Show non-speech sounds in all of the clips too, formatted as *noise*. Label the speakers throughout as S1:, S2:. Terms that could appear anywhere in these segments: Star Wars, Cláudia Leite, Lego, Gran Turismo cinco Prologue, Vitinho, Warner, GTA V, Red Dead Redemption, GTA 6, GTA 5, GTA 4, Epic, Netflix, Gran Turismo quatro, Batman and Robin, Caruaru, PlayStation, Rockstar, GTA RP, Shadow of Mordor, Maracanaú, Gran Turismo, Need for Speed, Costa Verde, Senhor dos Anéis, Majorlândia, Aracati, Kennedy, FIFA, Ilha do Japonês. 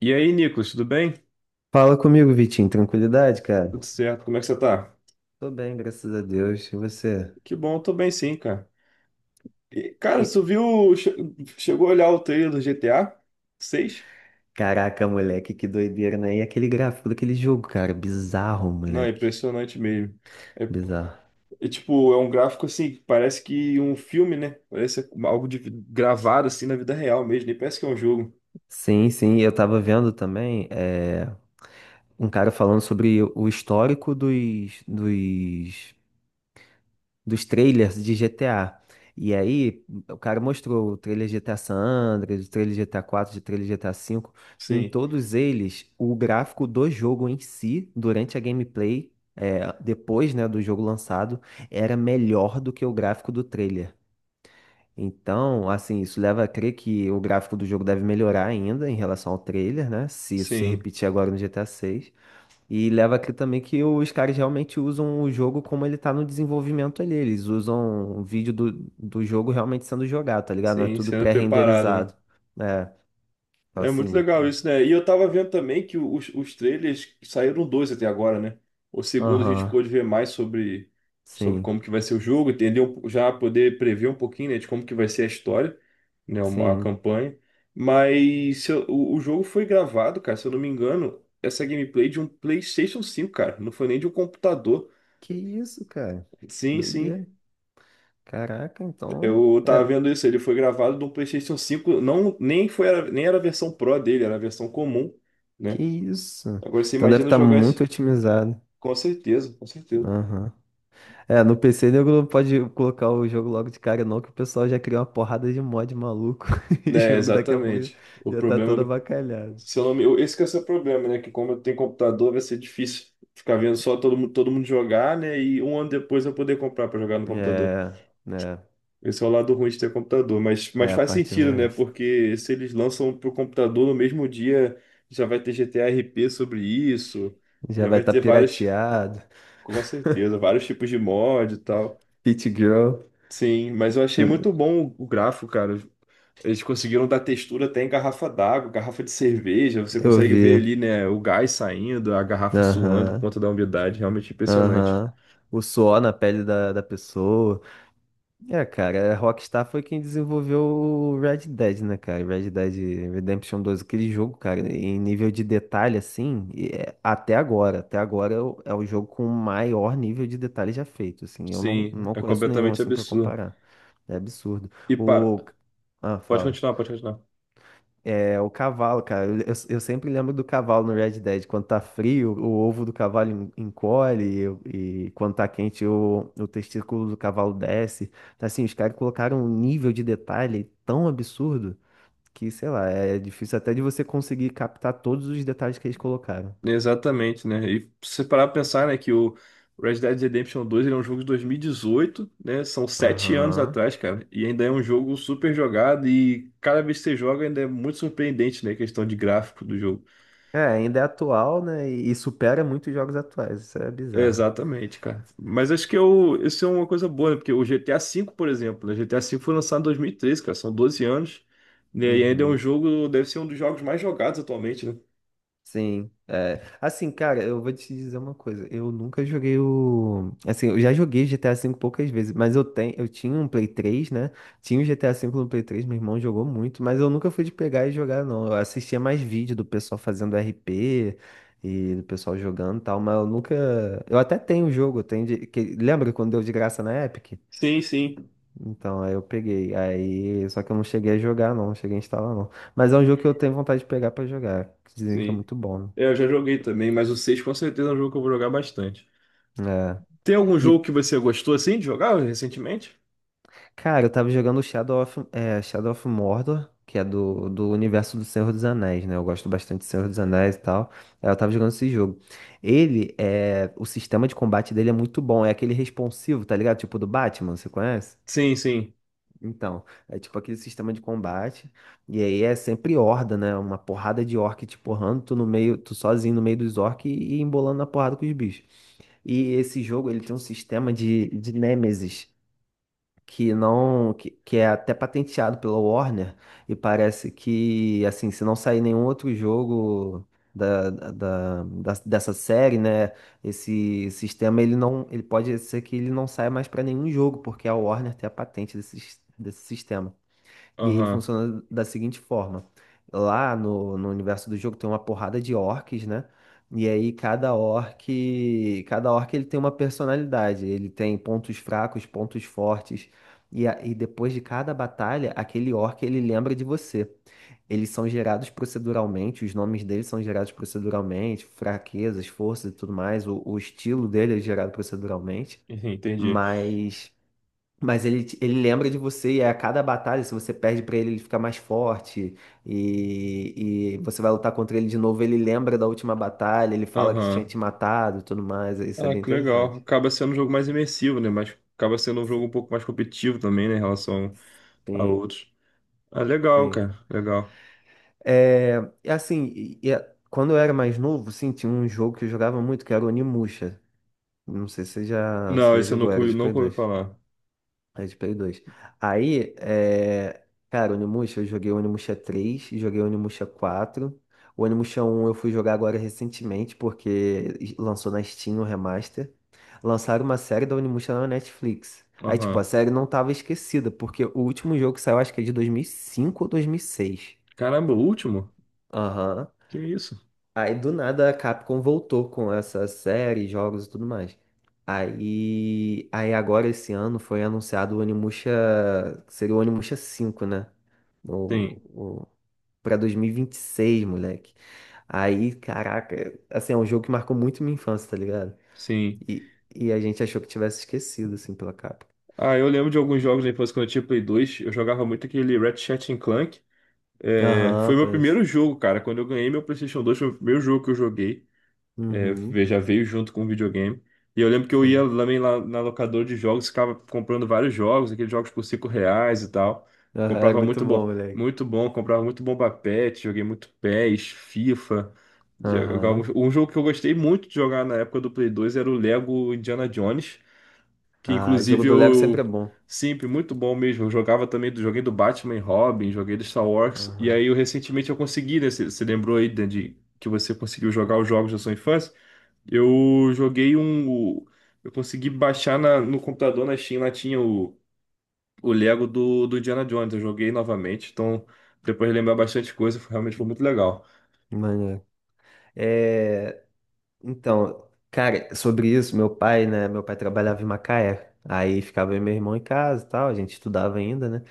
S1: E aí, Nicolas, tudo bem?
S2: Fala comigo, Vitinho. Tranquilidade, cara?
S1: Tudo certo, como é que você tá?
S2: Tô bem, graças a Deus. E você?
S1: Que bom, eu tô bem sim, cara. E, cara,
S2: E-
S1: você viu, chegou a olhar o trailer do GTA 6?
S2: Caraca, moleque, que doideira, né? E aquele gráfico daquele jogo, cara? Bizarro,
S1: Não, é
S2: moleque.
S1: impressionante mesmo. É,
S2: Bizarro.
S1: é tipo, é um gráfico assim, que parece que um filme, né? Parece algo gravado assim na vida real mesmo, nem parece que é um jogo.
S2: Sim, sim. Eu tava vendo também um cara falando sobre o histórico dos trailers de GTA. E aí, o cara mostrou o trailer de GTA San Andreas, o trailer de GTA 4, o trailer de GTA 5. Em
S1: Sim,
S2: todos eles, o gráfico do jogo em si, durante a gameplay, depois, né, do jogo lançado, era melhor do que o gráfico do trailer. Então, assim, isso leva a crer que o gráfico do jogo deve melhorar ainda em relação ao trailer, né? Se isso se
S1: sim,
S2: repetir agora no GTA VI. E leva aqui também que os caras realmente usam o jogo como ele tá no desenvolvimento ali. Eles usam o vídeo do jogo realmente sendo jogado, tá ligado? Não é
S1: sim,
S2: tudo
S1: sendo preparado, né?
S2: pré-renderizado. É, então,
S1: É muito
S2: assim,
S1: legal
S2: pô.
S1: isso, né? E eu tava vendo também que os trailers saíram dois até agora, né? O segundo a gente
S2: Aham,
S1: pôde ver mais sobre
S2: sim,
S1: como que vai ser o jogo, entender já poder prever um pouquinho, né, de como que vai ser a história, né, a
S2: sim.
S1: campanha. Mas se eu- o jogo foi gravado, cara, se eu não me engano, essa gameplay de um PlayStation 5, cara, não foi nem de um computador.
S2: Que isso, cara?
S1: Sim, sim.
S2: Doideira. Caraca, então.
S1: Eu tava
S2: É,
S1: vendo isso, ele foi gravado de um PlayStation 5. Não nem foi nem era a versão Pro dele, era a versão comum,
S2: que
S1: né?
S2: isso?
S1: Agora você
S2: Então deve
S1: imagina
S2: estar
S1: jogar isso.
S2: muito otimizado.
S1: Com certeza, com certeza.
S2: Aham. É, no PC nego não pode colocar o jogo logo de cara, não, que o pessoal já criou uma porrada de mod maluco *laughs* e o
S1: É,
S2: jogo daqui a pouco
S1: exatamente. O
S2: já tá
S1: problema
S2: todo
S1: do.
S2: avacalhado.
S1: Se eu não me... Esse que é o seu problema, né? Que como eu tenho computador, vai ser difícil ficar vendo só todo mundo jogar, né? E um ano depois eu poder comprar para jogar no computador.
S2: É, né?
S1: Esse é o lado ruim de ter computador. Mas
S2: É, a
S1: faz
S2: parte
S1: sentido, né?
S2: essa.
S1: Porque se eles lançam pro computador no mesmo dia, já vai ter GTA RP sobre isso.
S2: Já
S1: Já
S2: vai
S1: vai
S2: estar tá
S1: ter vários,
S2: pirateado.
S1: com certeza, vários tipos de mod e tal.
S2: Pit Girl.
S1: Sim, mas eu achei muito bom o gráfico, cara. Eles conseguiram dar textura até em garrafa d'água, garrafa de cerveja. Você
S2: Eu
S1: consegue ver
S2: vi.
S1: ali, né, o gás saindo, a garrafa suando por
S2: Aham,
S1: conta da umidade. Realmente impressionante.
S2: aham. O suor na pele da pessoa. É, cara, a Rockstar foi quem desenvolveu o Red Dead, né, cara? Red Dead Redemption 2, aquele jogo, cara, em nível de detalhe, assim, até agora é o jogo com o maior nível de detalhe já feito, assim, eu não,
S1: Sim,
S2: não
S1: é
S2: conheço nenhum,
S1: completamente
S2: assim, pra
S1: absurdo.
S2: comparar. É absurdo.
S1: E para.
S2: O... Ah,
S1: Pode
S2: fala.
S1: continuar, pode continuar.
S2: É, o cavalo, cara. Eu sempre lembro do cavalo no Red Dead. Quando tá frio, o ovo do cavalo encolhe, e quando tá quente, o testículo do cavalo desce. Então, assim, os caras colocaram um nível de detalhe tão absurdo que, sei lá, é difícil até de você conseguir captar todos os detalhes que eles colocaram.
S1: Exatamente, né? E se parar pra pensar, né, que o Red Dead Redemption 2 ele é um jogo de 2018, né? São 7 anos
S2: Aham.
S1: atrás, cara. E ainda é um jogo super jogado e cada vez que você joga ainda é muito surpreendente, né? A questão de gráfico do jogo.
S2: É, ainda é atual, né? E supera muitos jogos atuais. Isso é bizarro.
S1: Exatamente, cara. Mas acho que eu, isso é uma coisa boa, né? Porque o GTA V, por exemplo, né? GTA V foi lançado em 2013, cara, são 12 anos, né? E ainda é um
S2: Uhum.
S1: jogo, deve ser um dos jogos mais jogados atualmente, né?
S2: Sim, é. Assim, cara, eu vou te dizer uma coisa. Eu nunca joguei o. Assim, eu já joguei GTA V poucas vezes, mas eu tinha um Play 3, né? Tinha o GTA V no Play 3, meu irmão jogou muito, mas eu nunca fui de pegar e jogar, não. Eu assistia mais vídeo do pessoal fazendo RP e do pessoal jogando e tal, mas eu nunca. Eu até tenho o jogo, eu tenho de... que- Lembra quando deu de graça na Epic?
S1: Sim, sim,
S2: Então, aí eu peguei. Aí, só que eu não cheguei a jogar, não, não cheguei a instalar, não. Mas é um jogo que eu tenho vontade de pegar pra jogar. Que dizem que é
S1: sim.
S2: muito bom, né?
S1: É, eu já joguei também, mas o 6 com certeza é um jogo que eu vou jogar bastante.
S2: É.
S1: Tem algum jogo
S2: E,
S1: que você gostou assim de jogar recentemente?
S2: cara, eu tava jogando Shadow of Mordor, que é do universo do Senhor dos Anéis, né? Eu gosto bastante do Senhor dos Anéis e tal. Aí eu tava jogando esse jogo. O sistema de combate dele é muito bom, é aquele responsivo, tá ligado? Tipo do Batman, você conhece?
S1: Sim, sim.
S2: Então, é tipo aquele sistema de combate. E aí é sempre horda, né? Uma porrada de orc te porrando, tu no meio, tu sozinho no meio dos orcs e embolando na porrada com os bichos. E esse jogo, ele tem um sistema de nêmesis. Que não que, Que é até patenteado pela Warner e parece que, assim, se não sair nenhum outro jogo dessa série, né, esse sistema, ele não ele pode ser que ele não saia mais para nenhum jogo porque a Warner tem a patente desse sistema. E ele
S1: Aham.
S2: funciona da seguinte forma: lá no universo do jogo tem uma porrada de orcs, né? E aí cada orc ele tem uma personalidade, ele tem pontos fracos, pontos fortes. E depois de cada batalha, aquele orc ele lembra de você. Eles são gerados proceduralmente, os nomes deles são gerados proceduralmente, fraquezas, forças e tudo mais. O estilo dele é gerado proceduralmente,
S1: Uhum. Entendi.
S2: mas mas ele lembra de você e, a cada batalha, se você perde pra ele, ele fica mais forte e você vai lutar contra ele de novo, ele lembra da última batalha, ele fala que tinha
S1: Aham.
S2: te matado e tudo mais, isso é
S1: Ah,
S2: bem
S1: que legal.
S2: interessante.
S1: Acaba sendo um jogo mais imersivo, né? Mas acaba sendo um jogo um pouco mais competitivo também, né? Em relação a
S2: Sim,
S1: outros. Ah, legal,
S2: sim.
S1: cara. Legal.
S2: É, e assim, quando eu era mais novo, sim, tinha um jogo que eu jogava muito, que era o Onimusha. Não sei
S1: Não,
S2: se já
S1: esse eu
S2: jogou,
S1: nunca,
S2: era
S1: ouvi-
S2: de Play
S1: nunca ouvi
S2: 2.
S1: falar.
S2: É de Play 2. Aí, cara, Onimusha, eu joguei Onimusha 3, joguei Onimusha 4. O Onimusha 1, eu fui jogar agora recentemente, porque lançou na Steam o remaster. Lançaram uma série da Onimusha na Netflix. Aí, tipo, a
S1: Aham.
S2: série não tava esquecida, porque o último jogo que saiu, acho que é de 2005 ou 2006.
S1: Caramba, o último?
S2: Aham.
S1: Que isso?
S2: Aí do nada a Capcom voltou com essa série, jogos e tudo mais. Aí, agora esse ano foi anunciado o Onimusha, que seria o Onimusha 5, né? O,
S1: Sim,
S2: o, Pra 2026, moleque. Aí, caraca, assim, é um jogo que marcou muito minha infância, tá ligado?
S1: sim.
S2: E a gente achou que tivesse esquecido, assim, pela capa.
S1: Ah, eu lembro de alguns jogos da infância quando eu tinha Play 2. Eu jogava muito aquele Ratchet and Clank. É,
S2: Aham,
S1: foi meu
S2: conheço.
S1: primeiro jogo, cara. Quando eu ganhei meu PlayStation 2, foi o primeiro jogo que eu joguei. É,
S2: Uhum,
S1: já veio junto com o videogame. E eu lembro que eu ia
S2: sim.
S1: também lá na locadora de jogos, ficava comprando vários jogos, aqueles jogos por R$ 5 e tal.
S2: Aham, era
S1: Comprava
S2: muito bom, moleque.
S1: muito bom, comprava muito Bomba Pet, joguei muito PES, FIFA. Jogava...
S2: Aham.
S1: Um jogo que eu gostei muito de jogar na época do Play 2 era o Lego Indiana Jones, que
S2: Ah, jogo
S1: inclusive
S2: do Lego sempre é
S1: eu
S2: bom.
S1: sempre muito bom mesmo. Eu jogava também do joguei do Batman e Robin, joguei do Star Wars, e
S2: Aham.
S1: aí eu recentemente eu consegui, né? Você lembrou aí, Dan, de que você conseguiu jogar os jogos da sua infância? Eu joguei um. Eu consegui baixar no computador na Steam, lá tinha o Lego do Indiana Jones. Eu joguei novamente, então depois de lembrar bastante coisa, realmente foi muito legal.
S2: Maneiro. É, então, cara, sobre isso, meu pai, né? Meu pai trabalhava em Macaé. Aí ficava eu e meu irmão em casa e tal, a gente estudava ainda, né?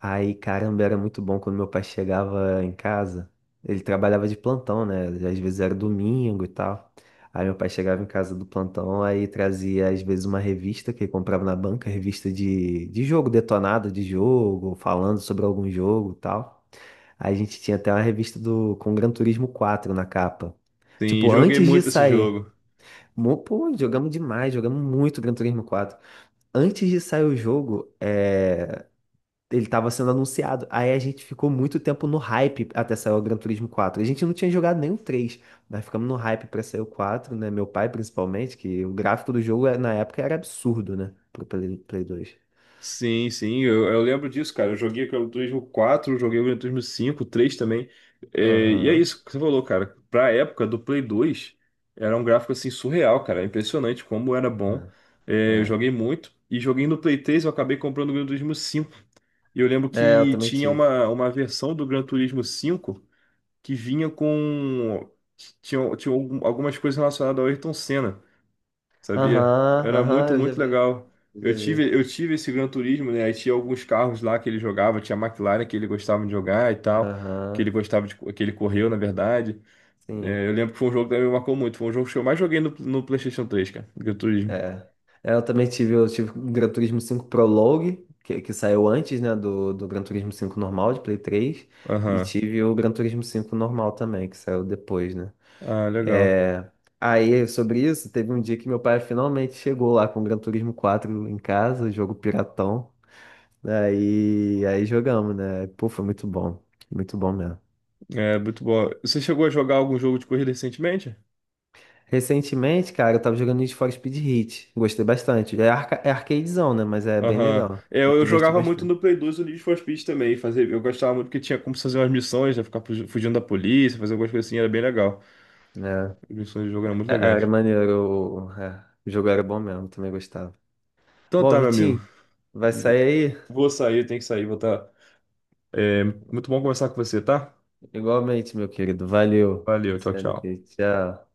S2: Aí, caramba, era muito bom quando meu pai chegava em casa. Ele trabalhava de plantão, né? Às vezes era domingo e tal. Aí meu pai chegava em casa do plantão, aí trazia às vezes uma revista que ele comprava na banca, revista de jogo detonado de jogo, falando sobre algum jogo e tal. A gente tinha até uma revista do com Gran Turismo 4 na capa.
S1: Sim,
S2: Tipo,
S1: joguei
S2: antes de
S1: muito esse
S2: sair.
S1: jogo.
S2: Pô, jogamos demais, jogamos muito Gran Turismo 4. Antes de sair o jogo, ele tava sendo anunciado. Aí a gente ficou muito tempo no hype até sair o Gran Turismo 4. A gente não tinha jogado nem o três. Nós ficamos no hype pra sair o quatro, né? Meu pai, principalmente, que o gráfico do jogo na época era absurdo, né? Pro Play 2.
S1: Sim, sim, eu lembro disso, cara. Eu joguei o Gran Turismo 4 joguei o Gran Turismo 5 3 também. É, e é
S2: Aham.
S1: isso que você falou, cara. Pra época do Play 2, era um gráfico assim surreal, cara. Impressionante como era bom.
S2: É,
S1: É, eu
S2: é.
S1: joguei muito. E joguei no Play 3, eu acabei comprando o Gran Turismo 5. E eu lembro
S2: É, eu
S1: que
S2: também
S1: tinha
S2: tive.
S1: uma versão do Gran Turismo 5 que vinha com. Tinha algumas coisas relacionadas ao Ayrton Senna, sabia?
S2: Aham,
S1: Era
S2: aham,
S1: muito,
S2: eu já
S1: muito
S2: vi.
S1: legal.
S2: Eu
S1: Eu
S2: já vi.
S1: tive, eu tive esse Gran Turismo, né? Aí tinha alguns carros lá que ele jogava, tinha a McLaren que ele gostava de jogar e tal, que
S2: Aham,
S1: ele gostava que ele correu, na verdade.
S2: sim.
S1: É, eu lembro que foi um jogo que também me marcou muito. Foi um jogo que eu mais joguei no PlayStation 3, cara. Gran Turismo.
S2: É. É, eu também tive, eu tive o Gran Turismo 5 Prologue, que saiu antes, né, do Gran Turismo 5 normal, de Play 3. E
S1: Aham.
S2: tive o Gran Turismo 5 normal também, que saiu depois, né?
S1: Ah, legal.
S2: É. Aí, sobre isso, teve um dia que meu pai finalmente chegou lá com o Gran Turismo 4 em casa, jogo piratão. Aí, jogamos, né? Pô, foi muito bom. Muito bom mesmo.
S1: É, muito bom. Você chegou a jogar algum jogo de corrida recentemente?
S2: Recentemente, cara, eu tava jogando Need for Speed Heat. Gostei bastante. É, arca é arcadezão, né? Mas é bem
S1: Aham.
S2: legal.
S1: É,
S2: Me
S1: eu
S2: diverti
S1: jogava muito
S2: bastante.
S1: no Play 2 o Need for Speed também. Fazer, eu gostava muito porque tinha como fazer umas missões, né? Ficar fugindo da polícia, fazer algumas coisas assim, era bem legal. As
S2: É,
S1: missões do jogo eram muito
S2: era
S1: legais.
S2: maneiro. O jogo era bom mesmo, também gostava.
S1: Então
S2: Bom,
S1: tá, meu amigo.
S2: Vitinho, vai sair aí?
S1: Vou sair, tenho que sair, vou tá. É, muito bom conversar com você, tá?
S2: Igualmente, meu querido. Valeu.
S1: Valeu, tchau,
S2: Saindo aqui.
S1: tchau.
S2: Tchau.